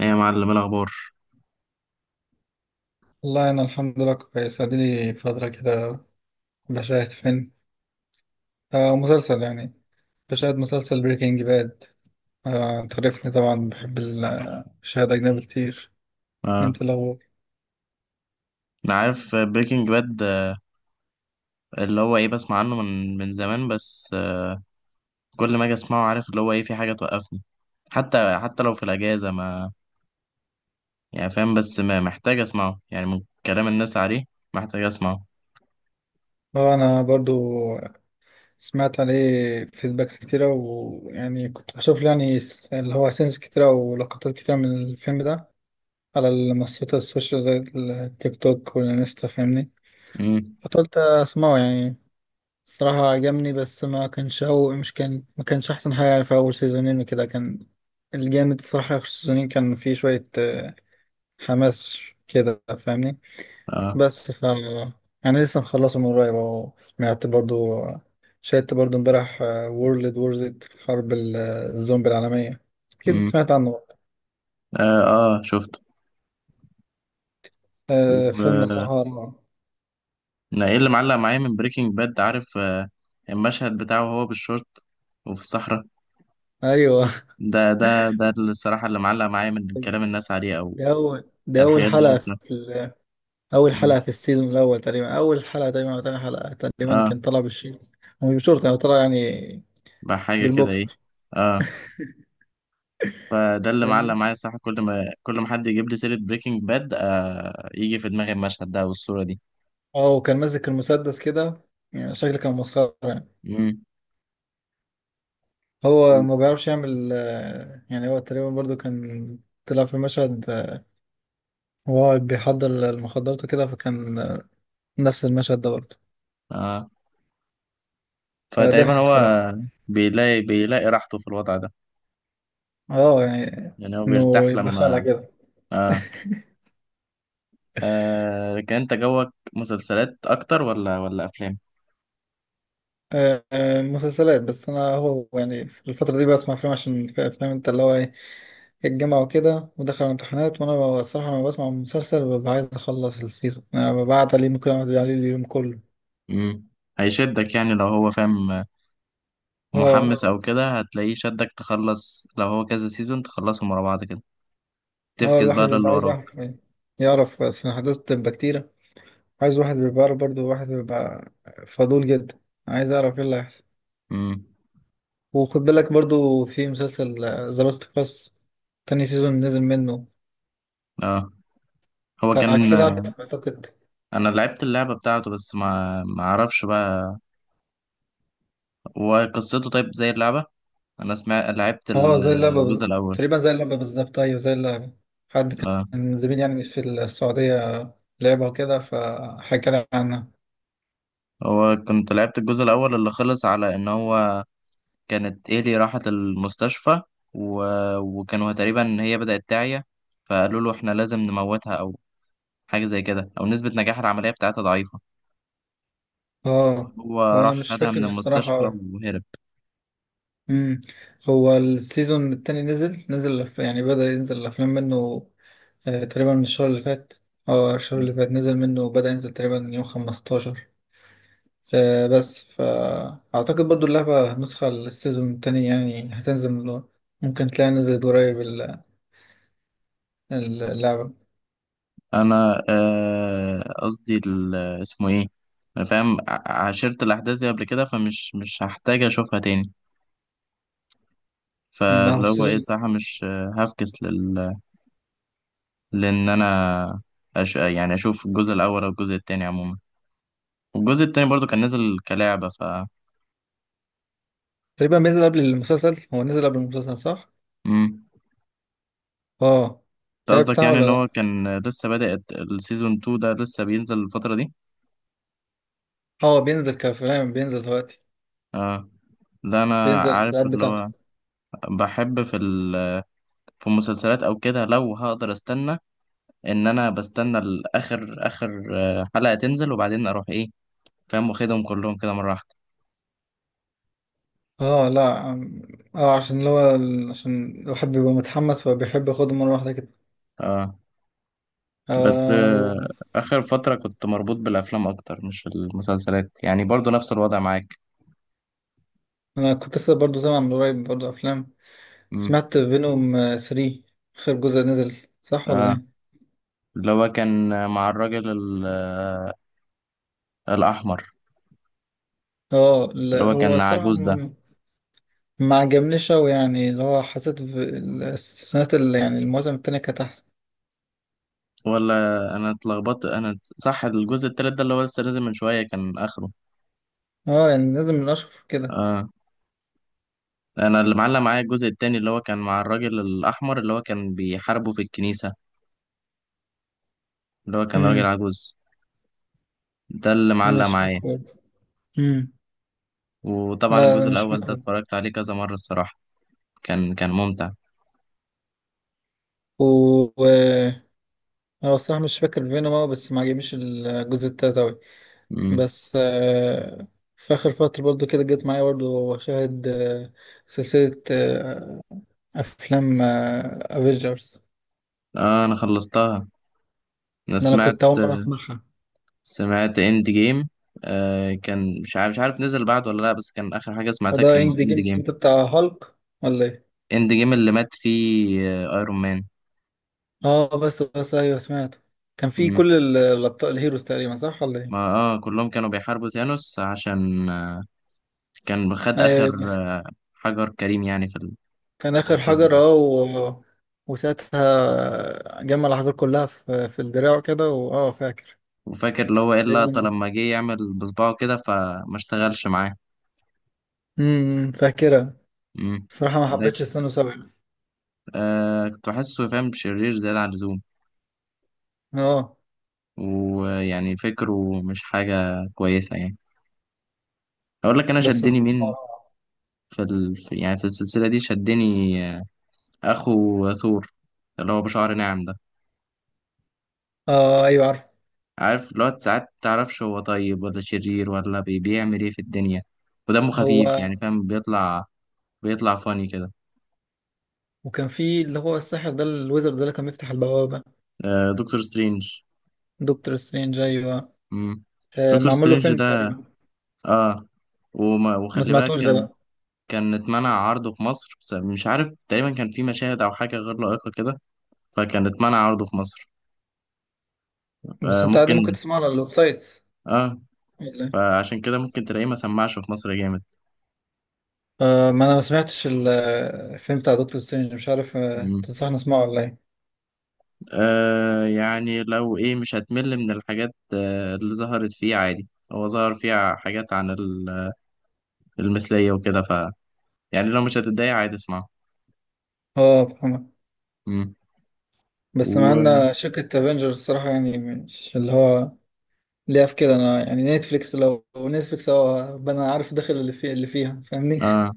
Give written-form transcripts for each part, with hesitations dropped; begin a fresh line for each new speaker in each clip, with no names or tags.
ايه يا معلم، إيه الاخبار؟
والله أنا الحمد لله كويس، أديلي فترة كده بشاهد فيلم. مسلسل يعني. بشاهد مسلسل بريكنج باد. آه أنت عارفني طبعا بحب الشهادة أجنبي كتير.
اه.
أنت الأول.
انا عارف بريكنج باد، اللي هو ايه بسمع عنه من زمان، بس كل ما اجي اسمعه عارف اللي هو ايه في حاجه توقفني. حتى لو في الاجازه ما يعني فاهم، بس ما محتاج اسمعه يعني من كلام الناس عليه محتاج اسمعه.
آه أنا برضو سمعت عليه فيدباكس كتيرة، ويعني كنت بشوف له يعني اللي هو سينس كتيرة ولقطات كتيرة من الفيلم ده على المنصات السوشيال زي التيك توك والانستا، فاهمني؟
امم.
فقلت أسمعه يعني. الصراحة عجبني، بس ما كانش أول، مش كان ما كانش أحسن حاجة يعني في أول سيزونين وكده، كان الجامد الصراحة في آخر سيزونين، كان فيه شوية حماس كده، فاهمني؟
اه.
بس ف، أنا لسه مخلصه من قريب أهو، سمعت برضو، شاهدت برضو امبارح وورلد وور زد، حرب الزومبي العالمية. أكيد
امم.
سمعت عنه.
اه. اه، شفت. و-
فيلم
آه،
الصراحة رائع.
انا ايه اللي معلق معايا من بريكنج باد، عارف، المشهد بتاعه وهو بالشورت وفي الصحراء.
أيوه
ده الصراحه اللي معلق معايا من كلام الناس عليه او
ده أول
الحاجات اللي
حلقة
شفتها.
في، اول حلقه في السيزون الاول تقريبا، اول حلقه تقريبا او تاني حلقه تقريبا،
اه.
كان طلع بالشيء، هو مش بالشورت يعني، طلع يعني
بقى حاجة كده
بالبوكس،
ايه. اه. فده اللي معلق
فاهمني؟
معايا الصراحة، كل ما حد يجيب لي سيرة بريكنج باد آه يجي في دماغي المشهد ده والصورة دي.
اه وكان ماسك المسدس كده، يعني شكله كان مسخره يعني،
امم.
هو ما بيعرفش يعمل يعني هو تقريبا برضو كان طلع في مشهد وهو بيحضر المخدرات وكده، فكان نفس المشهد ده برضو.
اه. فتقريبا
فضحك
هو
الصراحه.
بيلاقي راحته في الوضع ده،
اه يعني
يعني هو
انه
بيرتاح
يبقى خالع
لما
كده.
اه, آه لكن انت جوك مسلسلات اكتر، ولا افلام؟
مسلسلات. بس انا هو يعني في الفتره دي بسمع افلام، عشان في افلام، انت اللي هو الجامعة وكده ودخل على الامتحانات. وأنا الصراحة لما بسمع المسلسل ببقى عايز أخلص السيزون، أنا ببعت عليه، ممكن أقعد عليه اليوم كله.
امم. هيشدك يعني، لو هو فاهم
اه،
محمس او كده هتلاقيه شدك تخلص، لو هو كذا سيزون تخلصهم ورا بعض كده
اه
تفكس
الواحد
بقى للي
بيبقى عايز
وراك.
يعرف يعرف بس الأحداث بتبقى كتيرة، عايز الواحد بيبقى عارف برضه، الواحد بيبقى فضول جدا، عايز أعرف إيه اللي هيحصل.
امم.
وخد بالك برضه في مسلسل ذا لاست اوف اس، تاني سيزون نزل منه.
اه. هو
أنت
كان،
أكيد عارف أعتقد.
انا لعبت اللعبه بتاعته، بس ما اعرفش بقى، هو قصته طيب زي اللعبه؟ انا سمعت، لعبت
اه زي اللعبة
الجزء الاول.
تقريبا زي اللعبة بالظبط، أيوة زي اللعبة. حد كان
اه.
من زميلي يعني في السعودية لعبها وكده، فحكى لي عنها.
هو كنت لعبت الجزء الاول اللي خلص على ان هو كانت ايلي راحت المستشفى، و... وكانوا تقريبا هي بدات تعيا، فقالوا له احنا لازم نموتها او حاجه زي كده، او نسبه نجاح العمليه بتاعتها ضعيفه.
اه،
هو
هو أنا
راح
مش
خدها
فاكر
من
الصراحة
المستشفى
أوي.
وهرب.
أمم، هو السيزون التاني نزل، يعني بدأ ينزل الأفلام منه تقريبا من الشهر اللي فات. اه الشهر اللي فات نزل منه، بدأ ينزل تقريبا يوم خمستاشر. آه بس فأعتقد برضو اللعبة نسخة للسيزون التاني يعني هتنزل ممكن تلاقيها نزلت قريب اللعبة.
انا قصدي اسمه ايه، انا فاهم عشرت الاحداث دي قبل كده، فمش مش هحتاج اشوفها تاني،
ما هو
فاللي هو ايه
السيزون
صح، مش آه، هفكس لل... لان انا، يعني اشوف الجزء الاول او الجزء التاني عموما، والجزء التاني برضو كان نازل كلعبة.
تقريبا بينزل قبل المسلسل، هو نزل قبل المسلسل صح؟
امم.
اه
انت
الحلقة
قصدك
بتاعه
يعني
ولا
ان هو
لا؟
كان لسه بادئ السيزون 2، ده لسه بينزل الفترة دي؟
اه بينزل كفيلم، بينزل دلوقتي،
اه، لا، انا
بينزل
عارف
الحلقات
اللي
بتاعته.
هو. بحب في المسلسلات او كده لو هقدر استنى، ان انا بستنى اخر حلقة تنزل وبعدين اروح ايه، فاهم، واخدهم كلهم كده مرة واحدة.
اه لا اه عشان اللي هو عشان الواحد بيبقى متحمس، فبيحب ياخده مرة واحدة كده.
اه. بس
آه و...
اخر فترة كنت مربوط بالافلام اكتر مش المسلسلات، يعني برضو نفس الوضع معاك.
انا كنت لسه برضه سامع من قريب برضه افلام.
امم.
سمعت فينوم 3، اخر جزء نزل، صح ولا
اه.
ايه؟
اللي هو كان مع الراجل الاحمر،
اه
اللي
لا،
هو
هو
كان
الصراحة
عجوز ده،
ما عجبنيش أوي يعني، اللي هو حسيت في السنوات اللي يعني المواسم التانية كانت أحسن.
ولا. انا اتلخبطت، انا صح الجزء التالت ده اللي هو لسه نازل من شوية كان اخره؟
اه يعني نازل من اشهر كده.
اه. انا اللي معلق معايا الجزء التاني اللي هو كان مع الراجل الاحمر اللي هو كان بيحاربه في الكنيسة، اللي هو كان راجل
امم،
عجوز، ده اللي معلق
مش فاكر
معايا.
برضه. امم،
وطبعا
لا
الجزء
لا مش
الأول ده
فاكر.
اتفرجت عليه كذا مرة الصراحة، كان ممتع.
و و- انا الصراحه مش فاكر فينوم أوي، بس ما عجبنيش الجزء التالت اوي.
مم.
بس في اخر فتره برضو كده جت معايا برضو شاهد سلسله افلام افيجرز.
آه، أنا خلصتها، أنا
ده انا
سمعت،
كنت اول مره اسمعها.
سمعت إند جيم. كان مش عارف نزل بعد ولا لأ، بس كان آخر حاجة سمعتها
فده
كان
اند
إند
جيم
جيم،
انت بتاع هالك ولا ايه؟
إند جيم اللي مات فيه آه أيرون مان.
اه بس بس ايوه سمعته، كان في
مم.
كل الابطال الهيروز تقريبا، صح ولا ايه؟
ما كلهم كانوا بيحاربوا ثانوس عشان كان خد
ايوه
آخر
أيوة.
حجر كريم يعني في
كان آخر
القفاز.
حجر، وساعتها جمع الأحجار كلها في، في الدراع كده، واه فاكر.
وفاكر اللي هو ايه اللقطة
تقريبا.
لما جه يعمل بصباعه كده فما اشتغلش معاه.
امم، فاكرها.
امم.
الصراحة ما
ده
حبيتش
ك-
السنة سبعة.
آه، كنت بحسه فاهم شرير زيادة عن اللزوم،
اه
ويعني فكره مش حاجة كويسة يعني. أقول لك أنا
بس
شدني مين،
الصراحة،
في يعني في السلسلة دي شدني آه، أخو ثور، اللي هو بشعر ناعم ده،
اه ايوه عارف
عارف اللي هو ساعات متعرفش هو طيب ولا شرير ولا بيعمل إيه في الدنيا، ودمه
هو.
خفيف يعني فاهم، بيطلع فاني كده.
وكان في اللي هو الساحر ده، الويزرد ده اللي كان بيفتح البوابة.
آه، دكتور سترينج.
دكتور سترينج ايوه.
مم.
آه
دكتور
معمول له
سترينج
فيلم
ده،
تقريبا.
اه.
ما
وخلي بالك
سمعتوش ده
كان،
بقى؟
كان اتمنع عرضه في مصر بسبب مش عارف، تقريبا كان في مشاهد او حاجه غير لائقه كده، فكان اتمنع عرضه في مصر.
بس
آه،
انت عادي ممكن
ممكن.
تسمعه على الويب سايت
اه،
ولا إيه؟
فعشان كده ممكن تلاقيه ما سمعش في مصر جامد.
آه ما انا ما سمعتش الفيلم بتاع دكتور سترينج، مش عارف آه،
مم.
تنصحني اسمعه ولا ايه؟
آه يعني، لو ايه مش هتمل من الحاجات اللي ظهرت فيه عادي، هو ظهر فيها حاجات عن المثلية وكده، يعني لو مش هتتضايق عادي اسمعه.
اه فاهمك.
مم.
بس مع
و
ان شركة افنجرز الصراحة يعني مش اللي هو ليها في كده، انا يعني نتفليكس، لو نتفليكس هو انا عارف داخل اللي فيه اللي فيها، فاهمني؟
اه،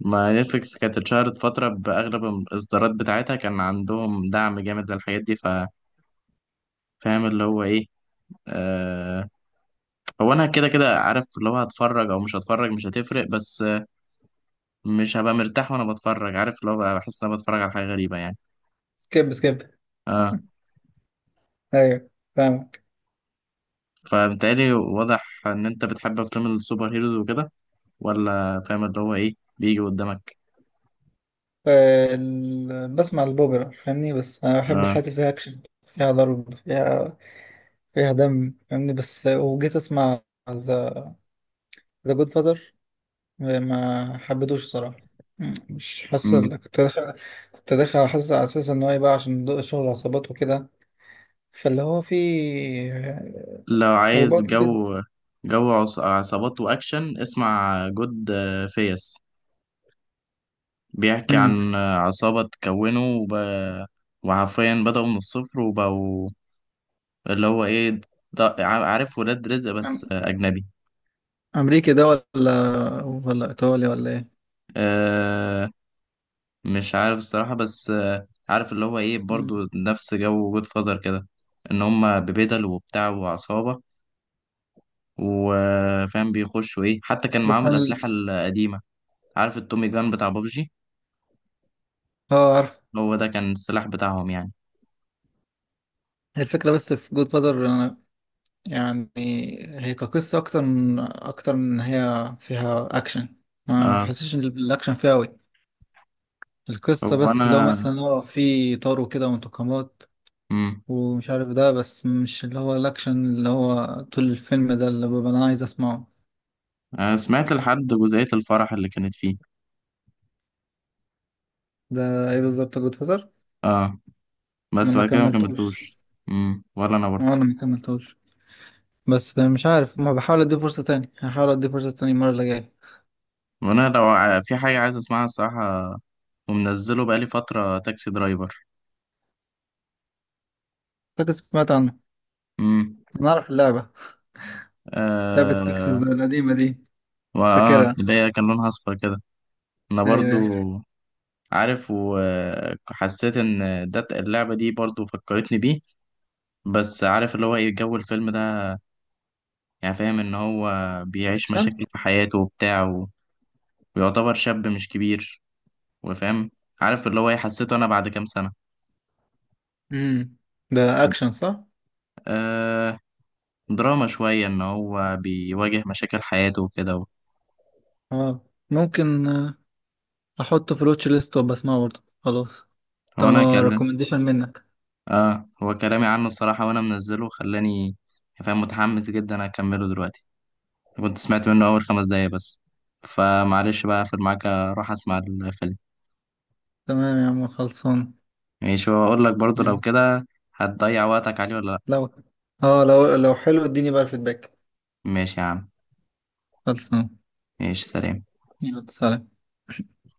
ما نتفليكس كانت اتشهرت فترة بأغلب الإصدارات بتاعتها كان عندهم دعم جامد للحاجات دي، ففاهم اللي هو إيه. آه، هو أنا كده عارف اللي هو هتفرج أو مش هتفرج مش هتفرق، بس مش هبقى مرتاح وأنا بتفرج، عارف اللي هو بقى بحس إن أنا بتفرج على حاجة غريبة يعني.
سكيب سكيب،
آه.
ايوه فاهمك.
فبالتالي واضح إن أنت بتحب أفلام السوبر هيروز وكده، ولا فاهم اللي هو إيه بيجي قدامك؟
بسمع البوبرا، فاهمني؟ بس انا بحب
آه.
الحاجات اللي فيها اكشن، فيها ضرب، فيها، فيها دم، فاهمني؟ بس وجيت اسمع ذا، ذا جود فازر، ما حبيتوش الصراحة. مم، مش حاسس
مم.
كنت داخل، كنت داخل حاسس على اساس ان هو يبقى عشان ضوء شغل عصابات وكده، فاللي هو في
لو عايز
حروبات
جو،
وكده.
عصابات وأكشن، اسمع جود فيس، بيحكي
امم،
عن عصابة تكونه، وحرفيا بدأوا من الصفر وبقوا اللي هو إيه، ده عارف ولاد رزق بس أجنبي.
امريكي ده ولا ايطالي ولا ايه؟
أه. مش عارف الصراحة، بس عارف اللي هو إيه برضو
مم.
نفس جو جود فاذر كده، إن هما ببدل وبتاع وعصابة، وفاهم بيخشوا إيه، حتى كان
بس
معاهم
انا
الأسلحة القديمة، عارف التومي جان بتاع بابجي،
اه عارف.
هو ده كان السلاح بتاعهم يعني.
هي الفكرة بس في جود فازر أنا يعني، هي كقصة أكتر من إن هي فيها أكشن، ما ما
أه،
حسيتش إن الأكشن فيها أوي، القصة بس، اللي هو
وأنا.
مثلا هو في طار وكده وانتقامات،
مم.
ومش عارف ده، بس مش اللي هو الأكشن اللي هو طول الفيلم ده اللي ببقى أنا عايز أسمعه.
سمعت لحد جزئية الفرح اللي كانت فيه.
ده إيه بالظبط جود فازر.
اه.
أنا
بس
ما
بعد كده ما
كملتوش.
كملتوش. امم، ولا انا برضه.
وانا ما كملتوش، بس مش عارف، ما بحاول ادي فرصة تاني يعني، هحاول ادي فرصة تاني المرة اللي جاية.
وانا لو في حاجه عايز اسمعها الصراحه، ومنزله بقالي فتره، تاكسي درايفر.
اعتقد سمعت عنه.
امم.
انا اعرف اللعبة، لعبة تكساس
آه،
القديمة دي. مش فاكرها.
اللي هي كان لونها اصفر كده، انا
ايوه
برضو
أيوة.
عارف، وحسيت ان ده اللعبه دي برضو فكرتني بيه، بس عارف اللي هو ايه جو الفيلم ده، يعني فاهم ان هو بيعيش
اكشن.
مشاكل في حياته وبتاع ويعتبر شاب مش كبير وفاهم، عارف اللي هو ايه حسيته انا بعد كام سنة،
امم، ده اكشن صح؟
آه، دراما شوية إن هو بيواجه مشاكل حياته وكده.
اه ممكن احطه في الواتش ليست وابقى اسمعه برضه، خلاص
هو أنا
طالما
كلم
ريكومنديشن منك.
آه، هو كلامي عنه الصراحة وأنا منزله خلاني فاهم متحمس جدا أكمله دلوقتي، كنت سمعت منه أول 5 دقايق بس، فمعلش بقى أقفل معاك أروح أسمع الفيلم.
تمام يا عم، خلصان.
ماشي، وأقول لك برضه لو
يلا.
كده هتضيع وقتك عليه ولا لأ.
لو اه، لو حلو اديني بقى الفيدباك.
ماشي يا عم،
خلصان،
ماشي سلام.
يلا سلام.